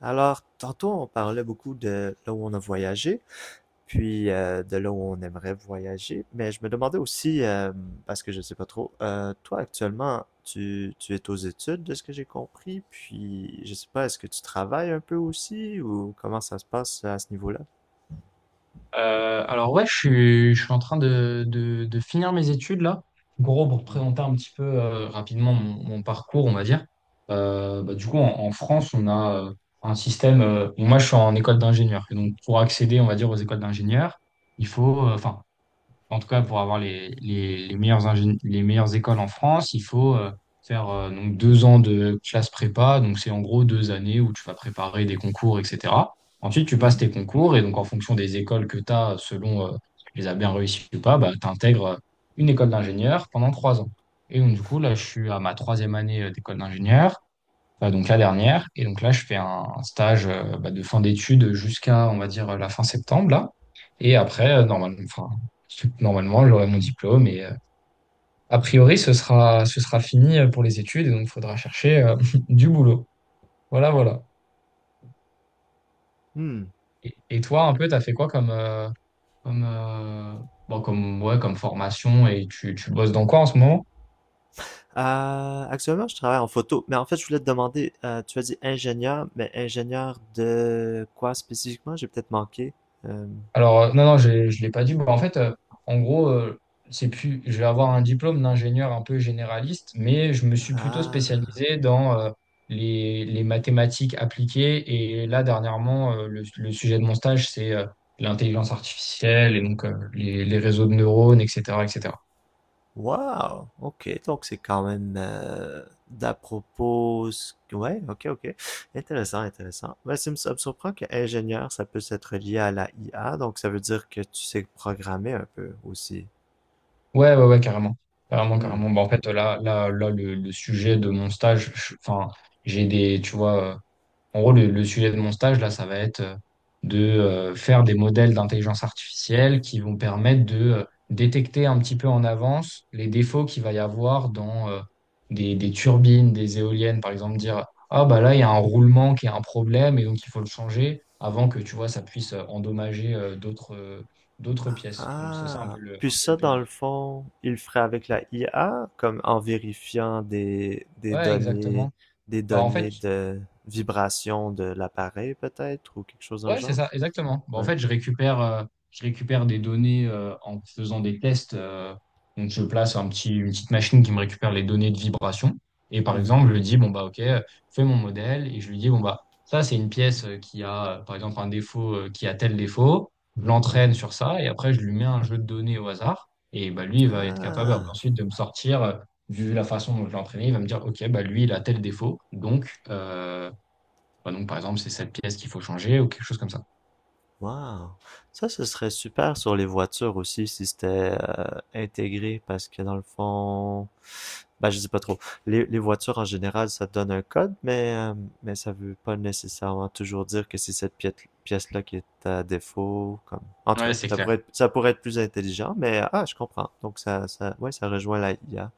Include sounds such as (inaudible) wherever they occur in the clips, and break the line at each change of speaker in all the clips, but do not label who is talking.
Alors, tantôt, on parlait beaucoup de là où on a voyagé, puis de là où on aimerait voyager, mais je me demandais aussi, parce que je ne sais pas trop, toi actuellement, tu es aux études, de ce que j'ai compris, puis je sais pas, est-ce que tu travailles un peu aussi, ou comment ça se passe à ce niveau-là?
Alors ouais, je suis en train de finir mes études là. Gros, pour
Mm.
présenter un petit peu rapidement mon parcours, on va dire. Bah, du coup, en France, on a un système. Bon, moi, je suis en école d'ingénieur. Et donc, pour accéder, on va dire, aux écoles d'ingénieurs, il faut, enfin. En tout cas, pour avoir les les meilleures écoles en France, il faut faire donc 2 ans de classe prépa. Donc, c'est en gros 2 années où tu vas préparer des concours, etc. Ensuite, tu
Mhm.
passes tes concours et donc, en fonction des écoles que tu as, selon si tu les as bien réussies ou pas, bah, tu intègres une école d'ingénieur pendant 3 ans. Et donc, du coup, là, je suis à ma troisième année, d'école d'ingénieur, donc la dernière. Et donc là, je fais un stage, bah, de fin d'études jusqu'à, on va dire, la fin septembre, là. Et après, normalement, enfin, normalement, j'aurai mon diplôme et, a priori, ce sera fini, pour les études, et donc il faudra chercher (laughs) du boulot. Voilà, voilà.
Hmm.
Et toi, un peu, t'as fait quoi comme, comme, bon, comme, ouais, comme formation, et tu bosses dans quoi en ce moment?
Actuellement, je travaille en photo, mais en fait, je voulais te demander, tu as dit ingénieur, mais ingénieur de quoi spécifiquement? J'ai peut-être manqué. Euh,
Alors, non, non, je ne l'ai pas dit. Bon, en fait, en gros, c'est plus, je vais avoir un diplôme d'ingénieur un peu généraliste, mais je me suis plutôt
ah.
spécialisé dans les mathématiques appliquées. Et là, dernièrement, le sujet de mon stage, c'est l'intelligence artificielle, et donc les réseaux de neurones, etc., etc.
Wow, OK, donc c'est quand même d'à propos... Ouais, OK, OK. Intéressant, intéressant. Mais ça me surprend que ingénieur, ça puisse être lié à la IA, donc ça veut dire que tu sais programmer un peu aussi.
Ouais, ouais, ouais, carrément. Carrément,
Hmm.
carrément. Bah, en fait, là, le sujet de mon stage, enfin, j'ai des, tu vois, en gros, le sujet de mon stage, là, ça va être de faire des modèles d'intelligence artificielle qui vont permettre de détecter un petit peu en avance les défauts qu'il va y avoir dans des turbines, des éoliennes, par exemple, dire, ah, bah là, il y a un roulement qui est un problème, et donc il faut le changer avant que, tu vois, ça puisse endommager, d'autres, d'autres pièces. Donc, c'est ça un
Ah!
peu le,
Puis
un peu le
ça,
but.
dans le fond, il le ferait avec la IA, comme en vérifiant
Ouais, exactement.
des
Bah, en fait,
données de vibration de l'appareil, peut-être, ou quelque chose dans le
ouais, c'est
genre?
ça, exactement. Bah, en
Ouais.
fait, je récupère des données, en faisant des tests. Donc, je place une petite machine qui me récupère les données de vibration. Et par
Mhm,
exemple, je lui
mhm,
dis, bon, bah, OK, fais mon modèle. Et je lui dis, bon, bah, ça, c'est une pièce, qui a, par exemple, un défaut, qui a tel défaut. Je
mhm.
l'entraîne sur ça. Et après, je lui mets un jeu de données au hasard. Et bah, lui, il va être capable après,
Ah!
ensuite, de me sortir, vu la façon dont je l'ai entraîné, il va me dire, OK, bah, lui, il a tel défaut. Donc, bah, donc, par exemple, c'est cette pièce qu'il faut changer, ou quelque chose comme ça.
Wow, ça, ce serait super sur les voitures aussi si c'était intégré parce que dans le fond, ben, je sais pas trop. Les voitures en général, ça donne un code, mais ça veut pas nécessairement toujours dire que c'est cette pièce, pièce-là qui est à défaut. Comme... En tout
Ouais,
cas,
c'est clair.
ça pourrait être plus intelligent, mais ah, je comprends. Donc, ça, ouais, ça rejoint la IA.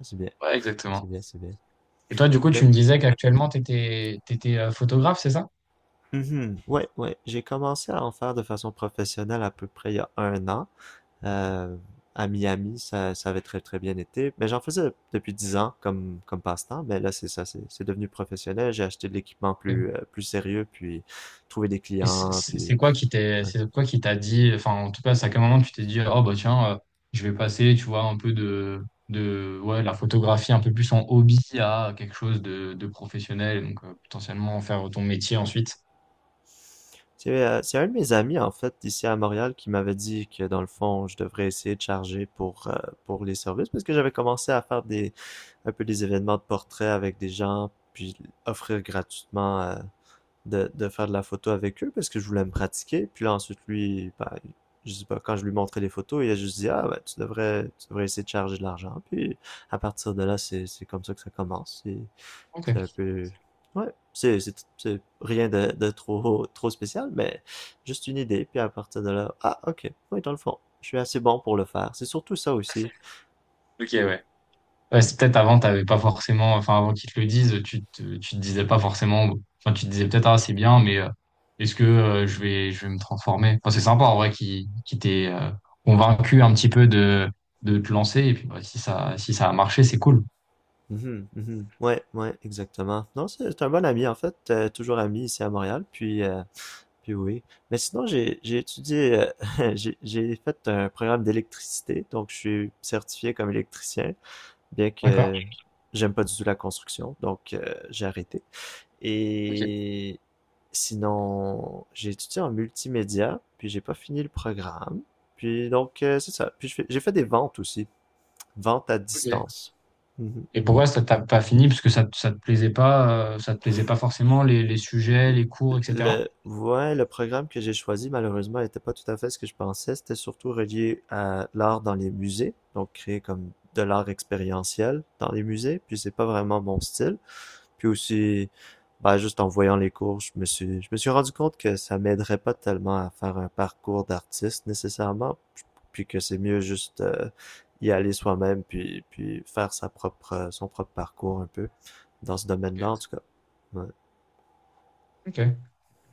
C'est bien,
Ouais,
c'est
exactement.
bien, c'est bien.
Et toi, du coup,
Mais,
tu me disais qu'actuellement, tu étais photographe, c'est ça?
mhm, ouais, ouais, j'ai commencé à en faire de façon professionnelle à peu près il y a un an. Euh, à Miami, ça avait très très bien été. Mais j'en faisais depuis 10 ans comme, comme passe-temps. Mais là, c'est ça, c'est devenu professionnel. J'ai acheté de l'équipement
Ok.
plus, plus sérieux, puis trouvé des clients, puis... ouais.
C'est quoi qui t'a dit, enfin, en tout cas, c'est à quel moment tu t'es dit, oh bah tiens, je vais passer, tu vois, un peu de ouais, la photographie un peu plus en hobby, à quelque chose de professionnel, donc potentiellement en faire ton métier ensuite.
C'est un de mes amis, en fait, ici à Montréal, qui m'avait dit que, dans le fond, je devrais essayer de charger pour les services, parce que j'avais commencé à faire des, un peu des événements de portrait avec des gens, puis offrir gratuitement de faire de la photo avec eux parce que je voulais me pratiquer. Puis là, ensuite, lui, ben, je sais pas, quand je lui montrais les photos, il a juste dit, ah, ben, tu devrais essayer de charger de l'argent. Puis à partir de là, c'est comme ça que ça commence. C'est un
Ok.
peu, ouais, c'est rien de, de trop, trop spécial, mais juste une idée. Puis à partir de là, ah, ok, oui, dans le fond, je suis assez bon pour le faire. C'est surtout ça aussi.
Ok, ouais. Ouais, c'est peut-être avant, t'avais pas forcément, enfin avant qu'ils te le disent, tu te disais pas forcément, enfin tu te disais peut-être ah c'est bien, mais est-ce que, je vais me transformer? Enfin c'est sympa en vrai qui t'ait convaincu un petit peu de te lancer, et puis bah, si ça a marché, c'est cool.
Mhm, mhm. Ouais, ouais, exactement. Non, c'est un bon ami en fait, toujours ami ici à Montréal. Puis puis oui. Mais sinon, j'ai étudié, (laughs) j'ai fait un programme d'électricité, donc je suis certifié comme électricien, bien
D'accord.
que j'aime pas du tout la construction, donc j'ai arrêté.
Ok.
Et sinon, j'ai étudié en multimédia, puis j'ai pas fini le programme. Puis donc, c'est ça. Puis j'ai fait des ventes aussi, ventes à
Ok.
distance. Mhm,
Et
mhm.
pourquoi ça t'a pas fini? Parce que ça te plaisait pas forcément les sujets, les cours, etc.
Le ouais, le programme que j'ai choisi, malheureusement, n'était pas tout à fait ce que je pensais. C'était surtout relié à l'art dans les musées, donc créer comme de l'art expérientiel dans les musées, puis c'est pas vraiment mon style. Puis aussi, bah, juste en voyant les cours, je me suis rendu compte que ça m'aiderait pas tellement à faire un parcours d'artiste nécessairement, puis que c'est mieux juste y aller soi-même, puis, puis faire sa propre, son propre parcours un peu dans ce domaine-là, en
Ok.
tout cas. Ouais.
Ok,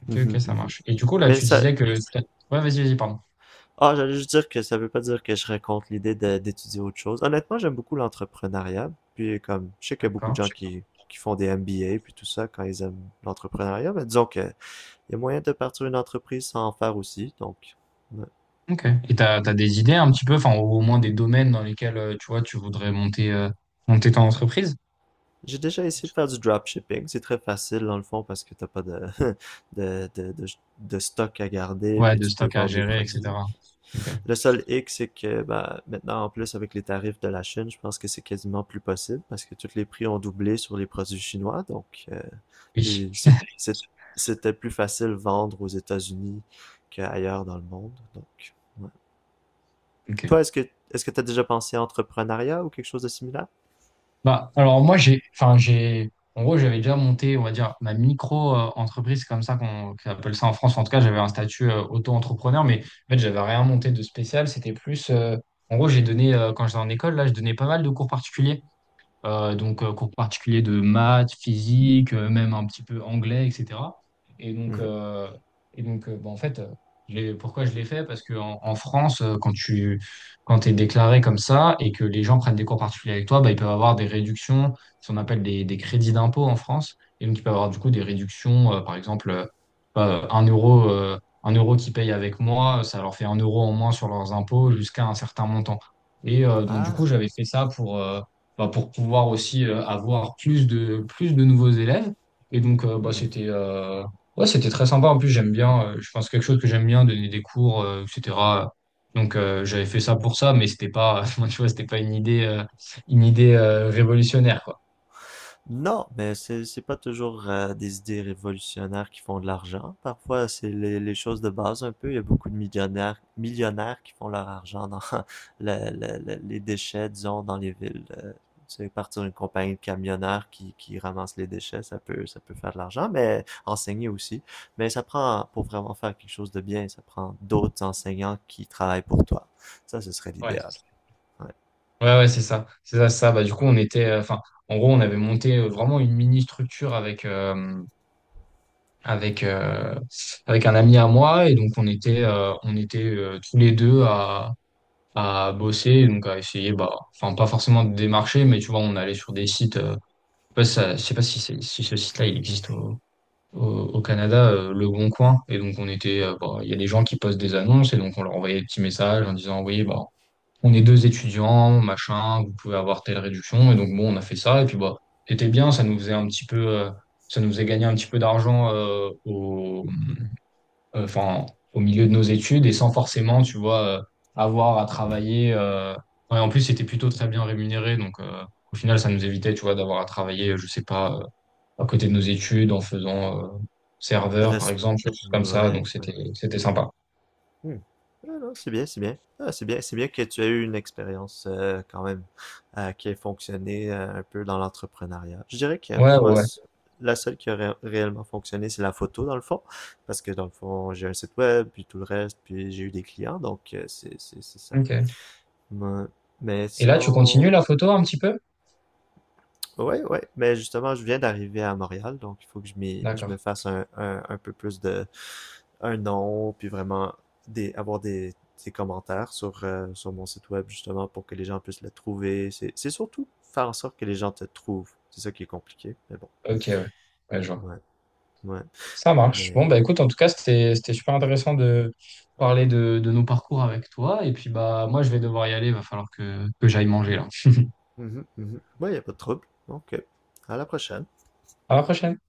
ok,
Mhm,
ok, ça
mhm.
marche. Et du coup, là,
Mais
tu
ça,
disais que... ouais, vas-y, vas-y, pardon.
ah, j'allais juste dire que ça veut pas dire que je raconte d'étudier autre chose. Honnêtement, j'aime beaucoup l'entrepreneuriat. Puis comme, je sais qu'il y a beaucoup de
D'accord.
gens qui font des MBA puis tout ça quand ils aiment l'entrepreneuriat, mais disons que il y a moyen de partir une entreprise sans en faire aussi. Donc, ouais.
Ok. Et t'as des idées un petit peu, enfin, au moins des domaines dans lesquels, tu vois, tu voudrais monter, monter ton entreprise?
J'ai déjà essayé de faire du dropshipping. C'est très facile dans le fond parce que t'as pas de, (laughs) de, de, de, de stock à garder
Ouais,
puis
de
tu peux
stock à
vendre des
gérer,
produits.
etc. Ok.
Le seul hic, c'est que bah, maintenant, en plus, avec les tarifs de la Chine, je pense que c'est quasiment plus possible parce que tous les prix ont doublé sur les produits chinois. Donc,
Oui.
puis c'était plus facile vendre aux États-Unis qu'ailleurs dans le monde. Donc, ouais.
Ok.
Toi, est-ce que tu as déjà pensé à entrepreneuriat ou quelque chose de similaire?
Bah, alors moi, en gros, j'avais déjà monté, on va dire, ma micro-entreprise, comme ça qu'on appelle ça en France. En tout cas, j'avais un statut, auto-entrepreneur, mais en fait, j'avais rien monté de spécial. C'était plus, en gros, quand j'étais en école, là, je donnais pas mal de cours particuliers. Donc, cours particuliers de maths, physique, même un petit peu anglais, etc. Et donc,
Mhm.
euh, Bah, en fait, pourquoi je l'ai fait? Parce qu'en en en France, quand t'es déclaré comme ça, et que les gens prennent des cours particuliers avec toi, bah, ils peuvent avoir des réductions, ce qu'on appelle des crédits d'impôt en France. Et donc, ils peuvent avoir, du coup, des réductions, par exemple, euh, un euro, euh, 1 euro qu'ils payent avec moi, ça leur fait 1 euro en moins sur leurs impôts, jusqu'à un certain montant. Et donc, du
Ah,
coup, j'avais fait ça pour, enfin, pour pouvoir aussi avoir plus de nouveaux élèves. Et donc, bah,
hmm.
c'était ouais, c'était très sympa. En plus, j'aime bien, je pense quelque chose que j'aime bien, donner des cours, etc. Donc, j'avais fait ça pour ça, mais c'était pas, (laughs) moi, tu vois, c'était pas une idée révolutionnaire, quoi.
Non, mais c'est pas toujours des idées révolutionnaires qui font de l'argent. Parfois, c'est les choses de base un peu. Il y a beaucoup de millionnaires qui font leur argent dans (laughs) les déchets, disons, dans les villes. Tu sais, partir d'une compagnie de camionneurs qui ramasse les déchets, ça peut faire de l'argent, mais enseigner aussi. Mais ça prend pour vraiment faire quelque chose de bien, ça prend d'autres enseignants qui travaillent pour toi. Ça, ce serait
Ouais,
l'idéal. Ouais.
ouais, ouais, c'est ça. C'est ça, c'est ça. Bah, du coup, en gros, on avait monté vraiment une mini structure avec, euh, avec un ami à moi. Et donc, on était tous les deux à bosser, donc à essayer, bah, enfin pas forcément de démarcher, mais tu vois, on allait sur des sites, je sais pas si, c'est- si ce site-là il existe au Canada, Le Bon Coin, et donc on était, bah, il y a des gens qui postent des annonces, et donc on leur envoyait des petits messages en disant, oui, bah, on est deux étudiants, machin, vous pouvez avoir telle réduction, et donc bon, on a fait ça, et puis bah, c'était bien, ça nous faisait gagner un petit peu d'argent, euh, enfin, au milieu de nos études, et sans forcément, tu vois, avoir à travailler. Ouais, en plus, c'était plutôt très bien rémunéré, donc au final, ça nous évitait, tu vois, d'avoir à travailler, je sais pas, à côté de nos études, en faisant serveur, par
Reste.
exemple, choses comme ça.
Ouais,
Donc
ouais.
c'était sympa.
Hmm. Ah non, c'est bien, c'est bien. Ah, c'est bien que tu aies eu une expérience quand même qui ait fonctionné un peu dans l'entrepreneuriat. Je dirais que
Ouais,
moi,
ouais.
la seule qui a réellement fonctionné, c'est la photo dans le fond, parce que dans le fond, j'ai un site web, puis tout le reste, puis j'ai eu des clients, donc c'est c'est ça.
Ok.
Moi- Mais
Et là, tu continues
sinon,
la photo un petit peu?
ouais, ouais, mais justement, je viens d'arriver à Montréal, donc il faut que je me
D'accord.
fasse un, un peu plus de un nom, puis vraiment des, avoir des commentaires sur, sur mon site web, justement, pour que les gens puissent le trouver. C'est surtout faire en sorte que les gens te trouvent. C'est ça qui est compliqué, mais bon.
Ok, ouais. Ouais, je vois.
Ouais, ouais,
Ça marche.
mais...
Bon, bah écoute, en tout cas, c'était super intéressant de parler de nos parcours avec toi. Et puis bah moi, je vais devoir y aller. Il va falloir que j'aille manger là.
Mhm, mhm. Ouais, y a pas de trouble. Donc, à la prochaine.
À la prochaine.